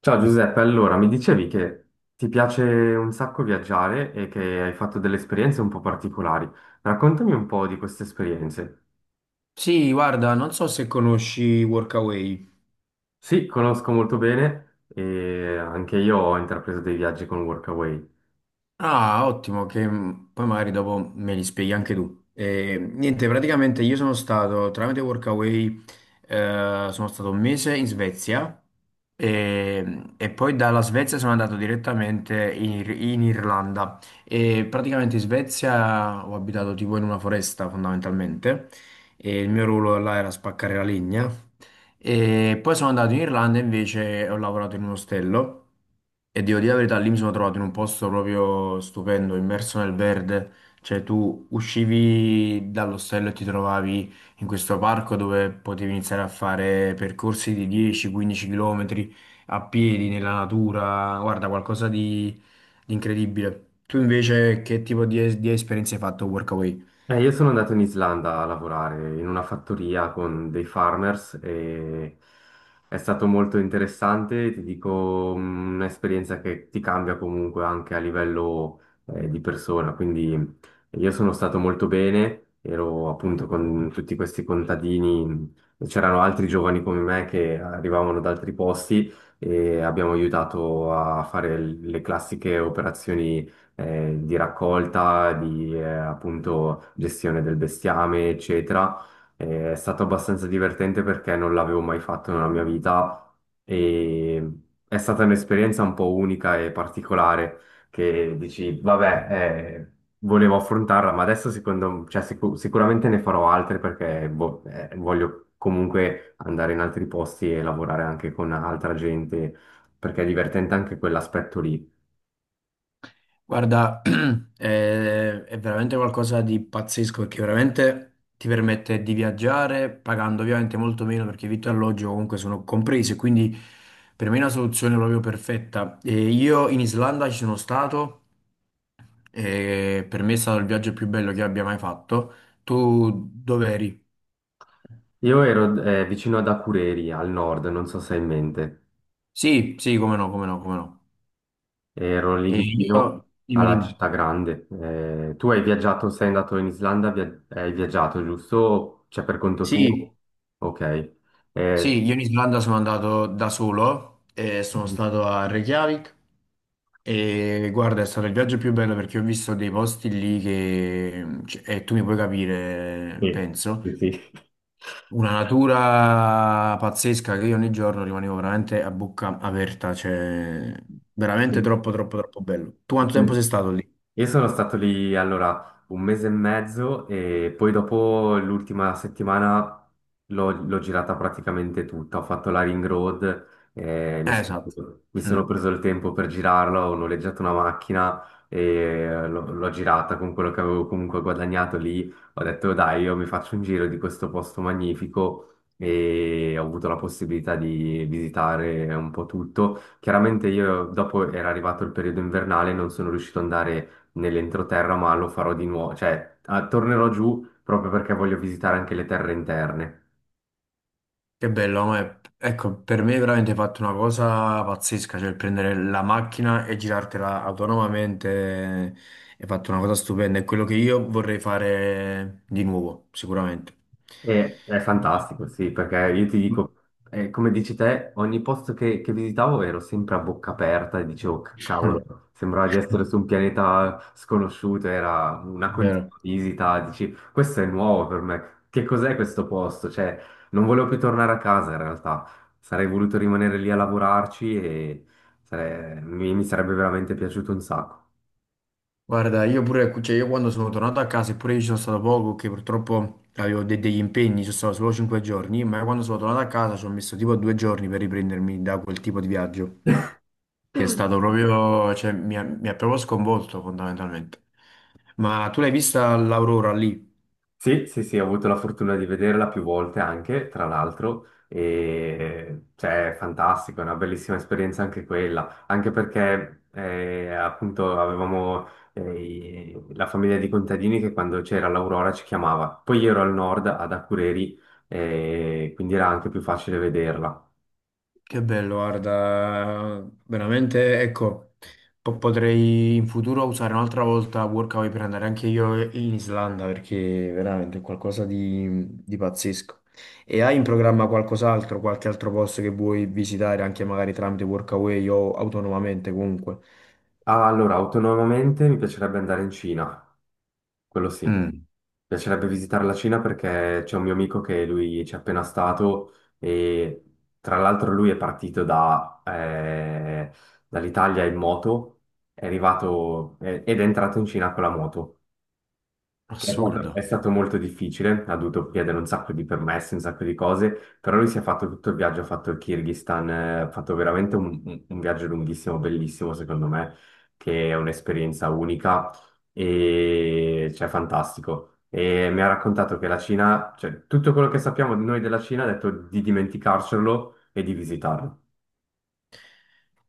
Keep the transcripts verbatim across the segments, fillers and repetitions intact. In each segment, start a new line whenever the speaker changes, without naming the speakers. Ciao Giuseppe, allora mi dicevi che ti piace un sacco viaggiare e che hai fatto delle esperienze un po' particolari. Raccontami un po' di queste esperienze.
Sì, guarda, non so se conosci Workaway.
Sì, conosco molto bene e anche io ho intrapreso dei viaggi con Workaway.
Ah, ottimo, che mh, poi magari dopo me li spieghi anche tu. Eh, niente, praticamente io sono stato tramite Workaway, eh, sono stato un mese in Svezia e, e poi dalla Svezia sono andato direttamente in, Ir- in Irlanda. E praticamente in Svezia ho abitato tipo in una foresta fondamentalmente e il mio ruolo là era spaccare la legna. E poi sono andato in Irlanda invece e ho lavorato in un ostello e devo dire la verità, lì mi sono trovato in un posto proprio stupendo, immerso nel verde, cioè tu uscivi dall'ostello e ti trovavi in questo parco dove potevi iniziare a fare percorsi di dieci quindici km a piedi nella natura, guarda, qualcosa di, di incredibile. Tu invece che tipo di, di esperienze hai fatto a Workaway?
Eh, io sono andato in Islanda a lavorare in una fattoria con dei farmers e è stato molto interessante, ti dico, mm, un'esperienza che ti cambia comunque anche a livello eh, di persona. Quindi io sono stato molto bene, ero appunto con tutti questi contadini, mm, c'erano altri giovani come me che arrivavano da altri posti e abbiamo aiutato a fare le classiche operazioni eh, di raccolta, di eh, appunto gestione del bestiame, eccetera. Eh, è stato abbastanza divertente perché non l'avevo mai fatto nella mia vita e è stata un'esperienza un po' unica e particolare che dici, vabbè, eh, volevo affrontarla, ma adesso secondo, cioè, sicu- sicuramente ne farò altre perché boh, eh, voglio comunque andare in altri posti e lavorare anche con altra gente perché è divertente anche quell'aspetto lì.
Guarda, è, è veramente qualcosa di pazzesco perché veramente ti permette di viaggiare pagando ovviamente molto meno perché vitto e alloggio comunque sono comprese, quindi per me è una soluzione proprio perfetta. E io in Islanda ci sono stato e per me è stato il viaggio più bello che abbia mai fatto. Tu dove eri?
Io ero eh, vicino ad Akureyri, al nord, non so se hai in mente.
Sì, sì, come no, come no, come no.
Ero lì
E
vicino
io, dimmi,
alla
dimmi.
città grande. Eh, tu hai viaggiato, sei andato in Islanda, via- hai viaggiato, giusto? Cioè per conto
Sì,
tuo? Ok. Eh,
sì, io in Islanda sono andato da solo e sono stato a Reykjavik. E guarda, è stato il viaggio più bello perché ho visto dei posti lì che, cioè, e tu mi puoi capire,
sì,
penso,
sì,
una natura pazzesca che io ogni giorno rimanevo veramente a bocca aperta, cioè veramente
sì.
troppo, troppo, troppo bello. Tu quanto tempo sei stato lì?
Io sono stato lì allora un mese e mezzo e poi dopo l'ultima settimana l'ho l'ho girata praticamente tutta. Ho fatto la Ring Road, eh, mi,
Eh,
sono
esatto.
mi sono preso il tempo per girarla, ho noleggiato una macchina e l'ho l'ho girata con quello che avevo comunque guadagnato lì. Ho detto dai, io mi faccio un giro di questo posto magnifico e ho avuto la possibilità di visitare un po' tutto. Chiaramente io dopo era arrivato il periodo invernale, non sono riuscito ad andare nell'entroterra, ma lo farò di nuovo, cioè ah, tornerò giù proprio perché voglio visitare anche le terre interne.
Che bello, ma è- ecco, per me è veramente fatto una cosa pazzesca, cioè il prendere la macchina e girartela autonomamente è fatto una cosa stupenda, è quello che io vorrei fare di nuovo, sicuramente.
E- è fantastico, sì, perché io ti
Mm.
dico, eh, come dici te, ogni posto che, che visitavo ero sempre a bocca aperta e dicevo, "C-
Mm.
Cavolo, sembrava di essere su un pianeta sconosciuto, era una continua
Vero.
visita, dici, questo è nuovo per me, che cos'è questo posto? Cioè, non volevo più tornare a casa in realtà, sarei voluto rimanere lì a lavorarci e sare- mi mi sarebbe veramente piaciuto un sacco.
Guarda, io pure, cioè, io quando sono tornato a casa, eppure io ci sono stato poco, che purtroppo avevo de- degli impegni, ci sono stato solo cinque giorni, ma quando sono tornato a casa ci ho messo tipo due giorni per riprendermi da quel tipo di viaggio. Che è stato proprio, cioè, mi ha, mi ha proprio sconvolto fondamentalmente. Ma tu l'hai vista l'aurora lì?
Sì, sì, sì, ho avuto la fortuna di vederla più volte anche, tra l'altro, e cioè, è fantastico, è una bellissima esperienza anche quella, anche perché eh, appunto avevamo eh, i- la famiglia di contadini che quando c'era l'Aurora ci chiamava. Poi io ero al nord, ad Akureyri, eh, quindi era anche più facile vederla.
Che bello, guarda, veramente, ecco, po- potrei in futuro usare un'altra volta Workaway per andare anche io in Islanda perché veramente è qualcosa di, di pazzesco. E hai in programma qualcos'altro, qualche altro posto che vuoi visitare anche magari tramite Workaway o autonomamente comunque?
Ah, allora, autonomamente mi piacerebbe andare in Cina. Quello sì. Mi
Mm,
piacerebbe visitare la Cina perché c'è un mio amico che lui ci è appena stato e tra l'altro lui è partito da, eh, dall'Italia in moto, è arrivato eh, ed è entrato in Cina con la moto. È stato, è
assurdo.
stato molto difficile, ha dovuto chiedere un sacco di permessi, un sacco di cose, però lui si è fatto tutto il viaggio, ha fatto il Kirghizistan, eh, ha fatto veramente un, un- un viaggio lunghissimo, bellissimo secondo me, che è un'esperienza unica e cioè fantastico. E mi ha raccontato che la Cina, cioè tutto quello che sappiamo noi della Cina, ha detto di dimenticarcelo e di visitarlo.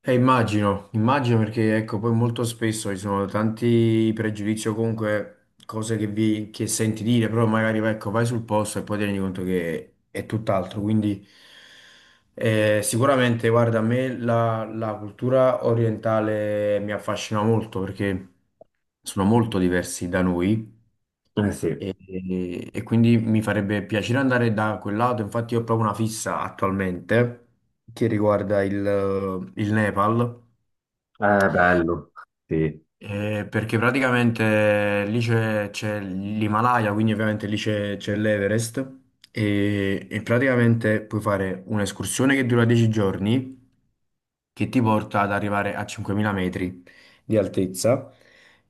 Eh, immagino, immagino perché ecco, poi molto spesso ci sono tanti pregiudizi o comunque cose che, vi, che senti dire, però magari ecco, vai sul posto e poi ti rendi conto che è tutt'altro. Quindi eh, sicuramente, guarda, a me la, la cultura orientale mi affascina molto perché sono molto diversi da noi.
Eh sì, è
E, e- e quindi mi farebbe piacere andare da quel lato, infatti io ho proprio una fissa attualmente che riguarda il, il Nepal
bello, sì.
eh, perché praticamente lì c'è c'è l'Himalaya, quindi ovviamente lì c'è c'è l'Everest e, e praticamente puoi fare un'escursione che dura dieci giorni che ti porta ad arrivare a cinquemila metri di altezza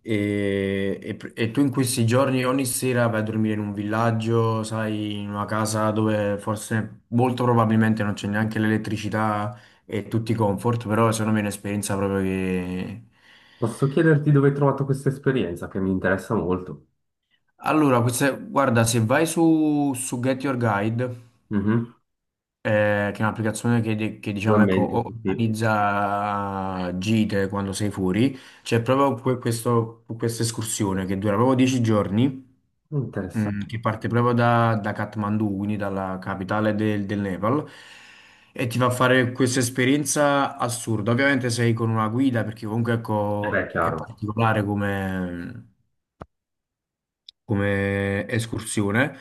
e, e pr- e tu in questi giorni ogni sera vai a dormire in un villaggio, sai, in una casa dove forse molto probabilmente non c'è neanche l'elettricità e tutti i comfort, però secondo me è un'esperienza proprio che...
Posso chiederti dove hai trovato questa esperienza che mi interessa molto?
Allora, questa- guarda, se vai su, su Get Your Guide,
Mhm.
eh, che è un'applicazione che, che, diciamo, ecco,
Sicuramente, sì, sì.
organizza gite quando sei fuori, c'è proprio que- questo- questa escursione che dura proprio dieci giorni, mm,
Interessante.
che parte proprio da, da Kathmandu, quindi dalla capitale del, del Nepal, e ti fa fare questa esperienza assurda. Ovviamente sei con una guida, perché comunque,
Eh beh,
ecco, è
chiaro.
particolare come come escursione,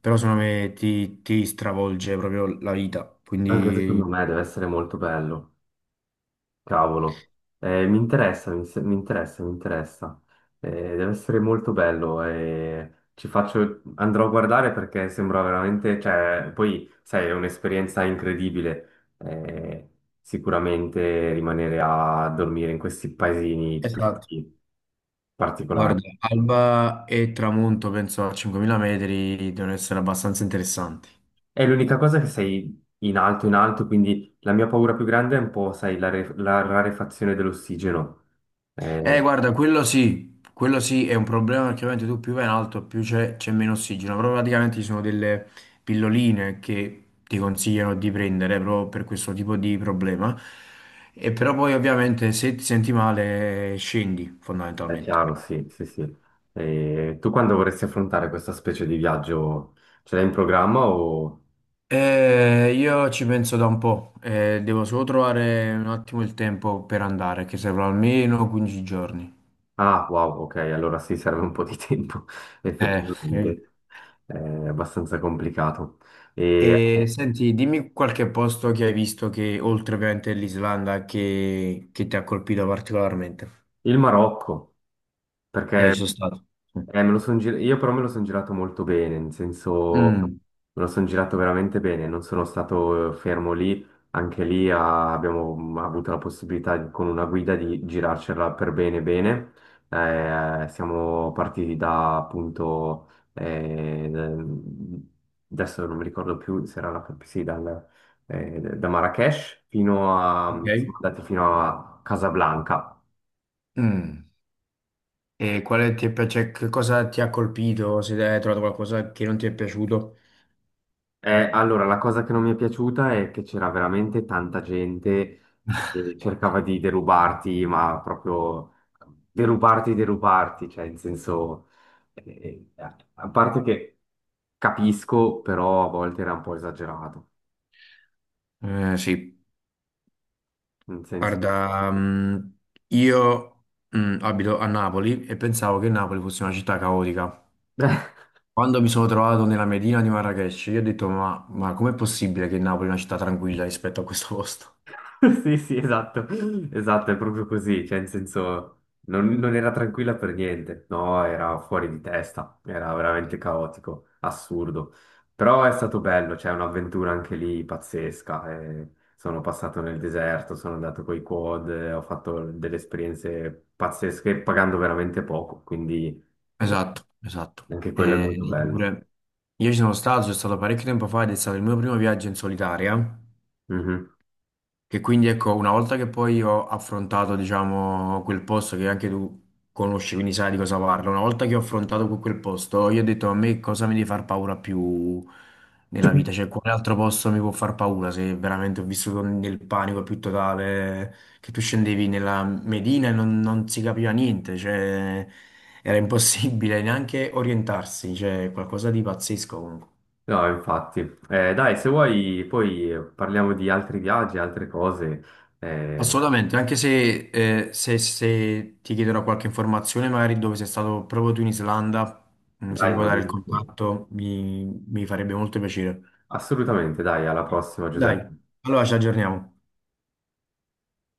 però secondo me ti, ti stravolge proprio la vita.
Anche secondo
Quindi,
me deve essere molto bello. Cavolo. Eh, mi, interessa, mi, se- mi interessa, mi interessa. Eh, deve essere molto bello e ci faccio... andrò a guardare perché sembra veramente... Cioè, poi, sai, è un'esperienza incredibile. Eh, sicuramente rimanere a dormire in questi paesini
esatto.
tutti
Guarda,
particolari.
alba e tramonto, penso a cinquemila metri, devono essere abbastanza interessanti.
È l'unica cosa che sei in alto, in alto, quindi la mia paura più grande è un po', sai, la, re- la rarefazione dell'ossigeno. Eh,
Eh, guarda, quello sì, quello sì è un problema perché ovviamente tu più vai in alto, più c'è c'è meno ossigeno, però praticamente ci sono delle pilloline che ti consigliano di prendere proprio per questo tipo di problema. E però poi ovviamente se ti senti male scendi
è
fondamentalmente.
chiaro, sì, sì, sì. Eh, tu quando vorresti affrontare questa specie di viaggio, ce l'hai in programma o...
Eh, io ci penso da un po', eh, devo solo trovare un attimo il tempo per andare, che servono almeno quindici giorni.
Ah, wow, ok, allora sì, serve un po' di tempo,
Eh, eh.
effettivamente. È abbastanza complicato. E
E senti, dimmi qualche posto che hai visto che, oltre ovviamente l'Islanda, che, che ti ha colpito particolarmente.
il Marocco,
Eh, ci
perché...
sono stato.
Eh, me lo son gir- io però me lo sono girato molto bene, nel senso
Mm,
me lo sono girato veramente bene, non sono stato eh, fermo lì, anche lì ah, abbiamo mm, avuto la possibilità di- con una guida di girarcela per bene bene. Eh, siamo partiti da appunto, eh, adesso non mi ricordo più se era la, sì, dal- eh, da Marrakech fino a,
ok.
siamo andati fino a Casablanca.
Mm. E quale ti è pi- cioè, che cosa ti ha colpito? Se hai trovato qualcosa che non ti è piaciuto?
Eh, allora, la cosa che non mi è piaciuta è che c'era veramente tanta gente che cercava di derubarti, ma proprio derubarti, derubarti, cioè in senso, eh, eh, a parte che capisco, però a volte era un po' esagerato,
Eh, sì.
nel senso...
Guarda, mh, io mh, abito a Napoli e pensavo che Napoli fosse una città caotica. Quando mi sono trovato nella Medina di Marrakech, io ho detto: Ma, ma com'è possibile che Napoli è una città tranquilla rispetto a questo posto?
Sì, sì, esatto, esatto, è proprio così, cioè in senso non, non era tranquilla per niente, no, era fuori di testa, era veramente caotico, assurdo, però è stato bello, cioè un'avventura anche lì pazzesca, eh, sono passato nel deserto, sono andato coi quad, eh, ho fatto delle esperienze pazzesche pagando veramente poco, quindi eh,
Esatto, esatto.
anche quello è
Eh,
molto
io
bello.
pure, io ci sono stato, sono stato parecchio tempo fa ed è stato il mio primo viaggio in solitaria. Che quindi ecco, una volta che poi ho affrontato, diciamo, quel posto che anche tu conosci, quindi sai di cosa parlo, una volta che ho affrontato que- quel posto, io ho detto a me cosa mi deve far paura più nella vita, cioè quale altro posto mi può far paura se veramente ho vissuto nel panico più totale, che tu scendevi nella Medina e non, non si capiva niente, cioè era impossibile neanche orientarsi, cioè qualcosa di pazzesco comunque.
No, infatti. Eh, dai, se vuoi poi eh, parliamo di altri viaggi, altre cose. Eh,
Assolutamente, anche se, eh, se- se ti chiederò qualche informazione, magari dove sei stato proprio tu in Islanda, mm, se mi
dai,
puoi
va
dare il
benissimo.
contatto, mi mi farebbe molto piacere.
Assolutamente, dai, alla prossima,
Dai,
Giuseppe.
allora ci aggiorniamo.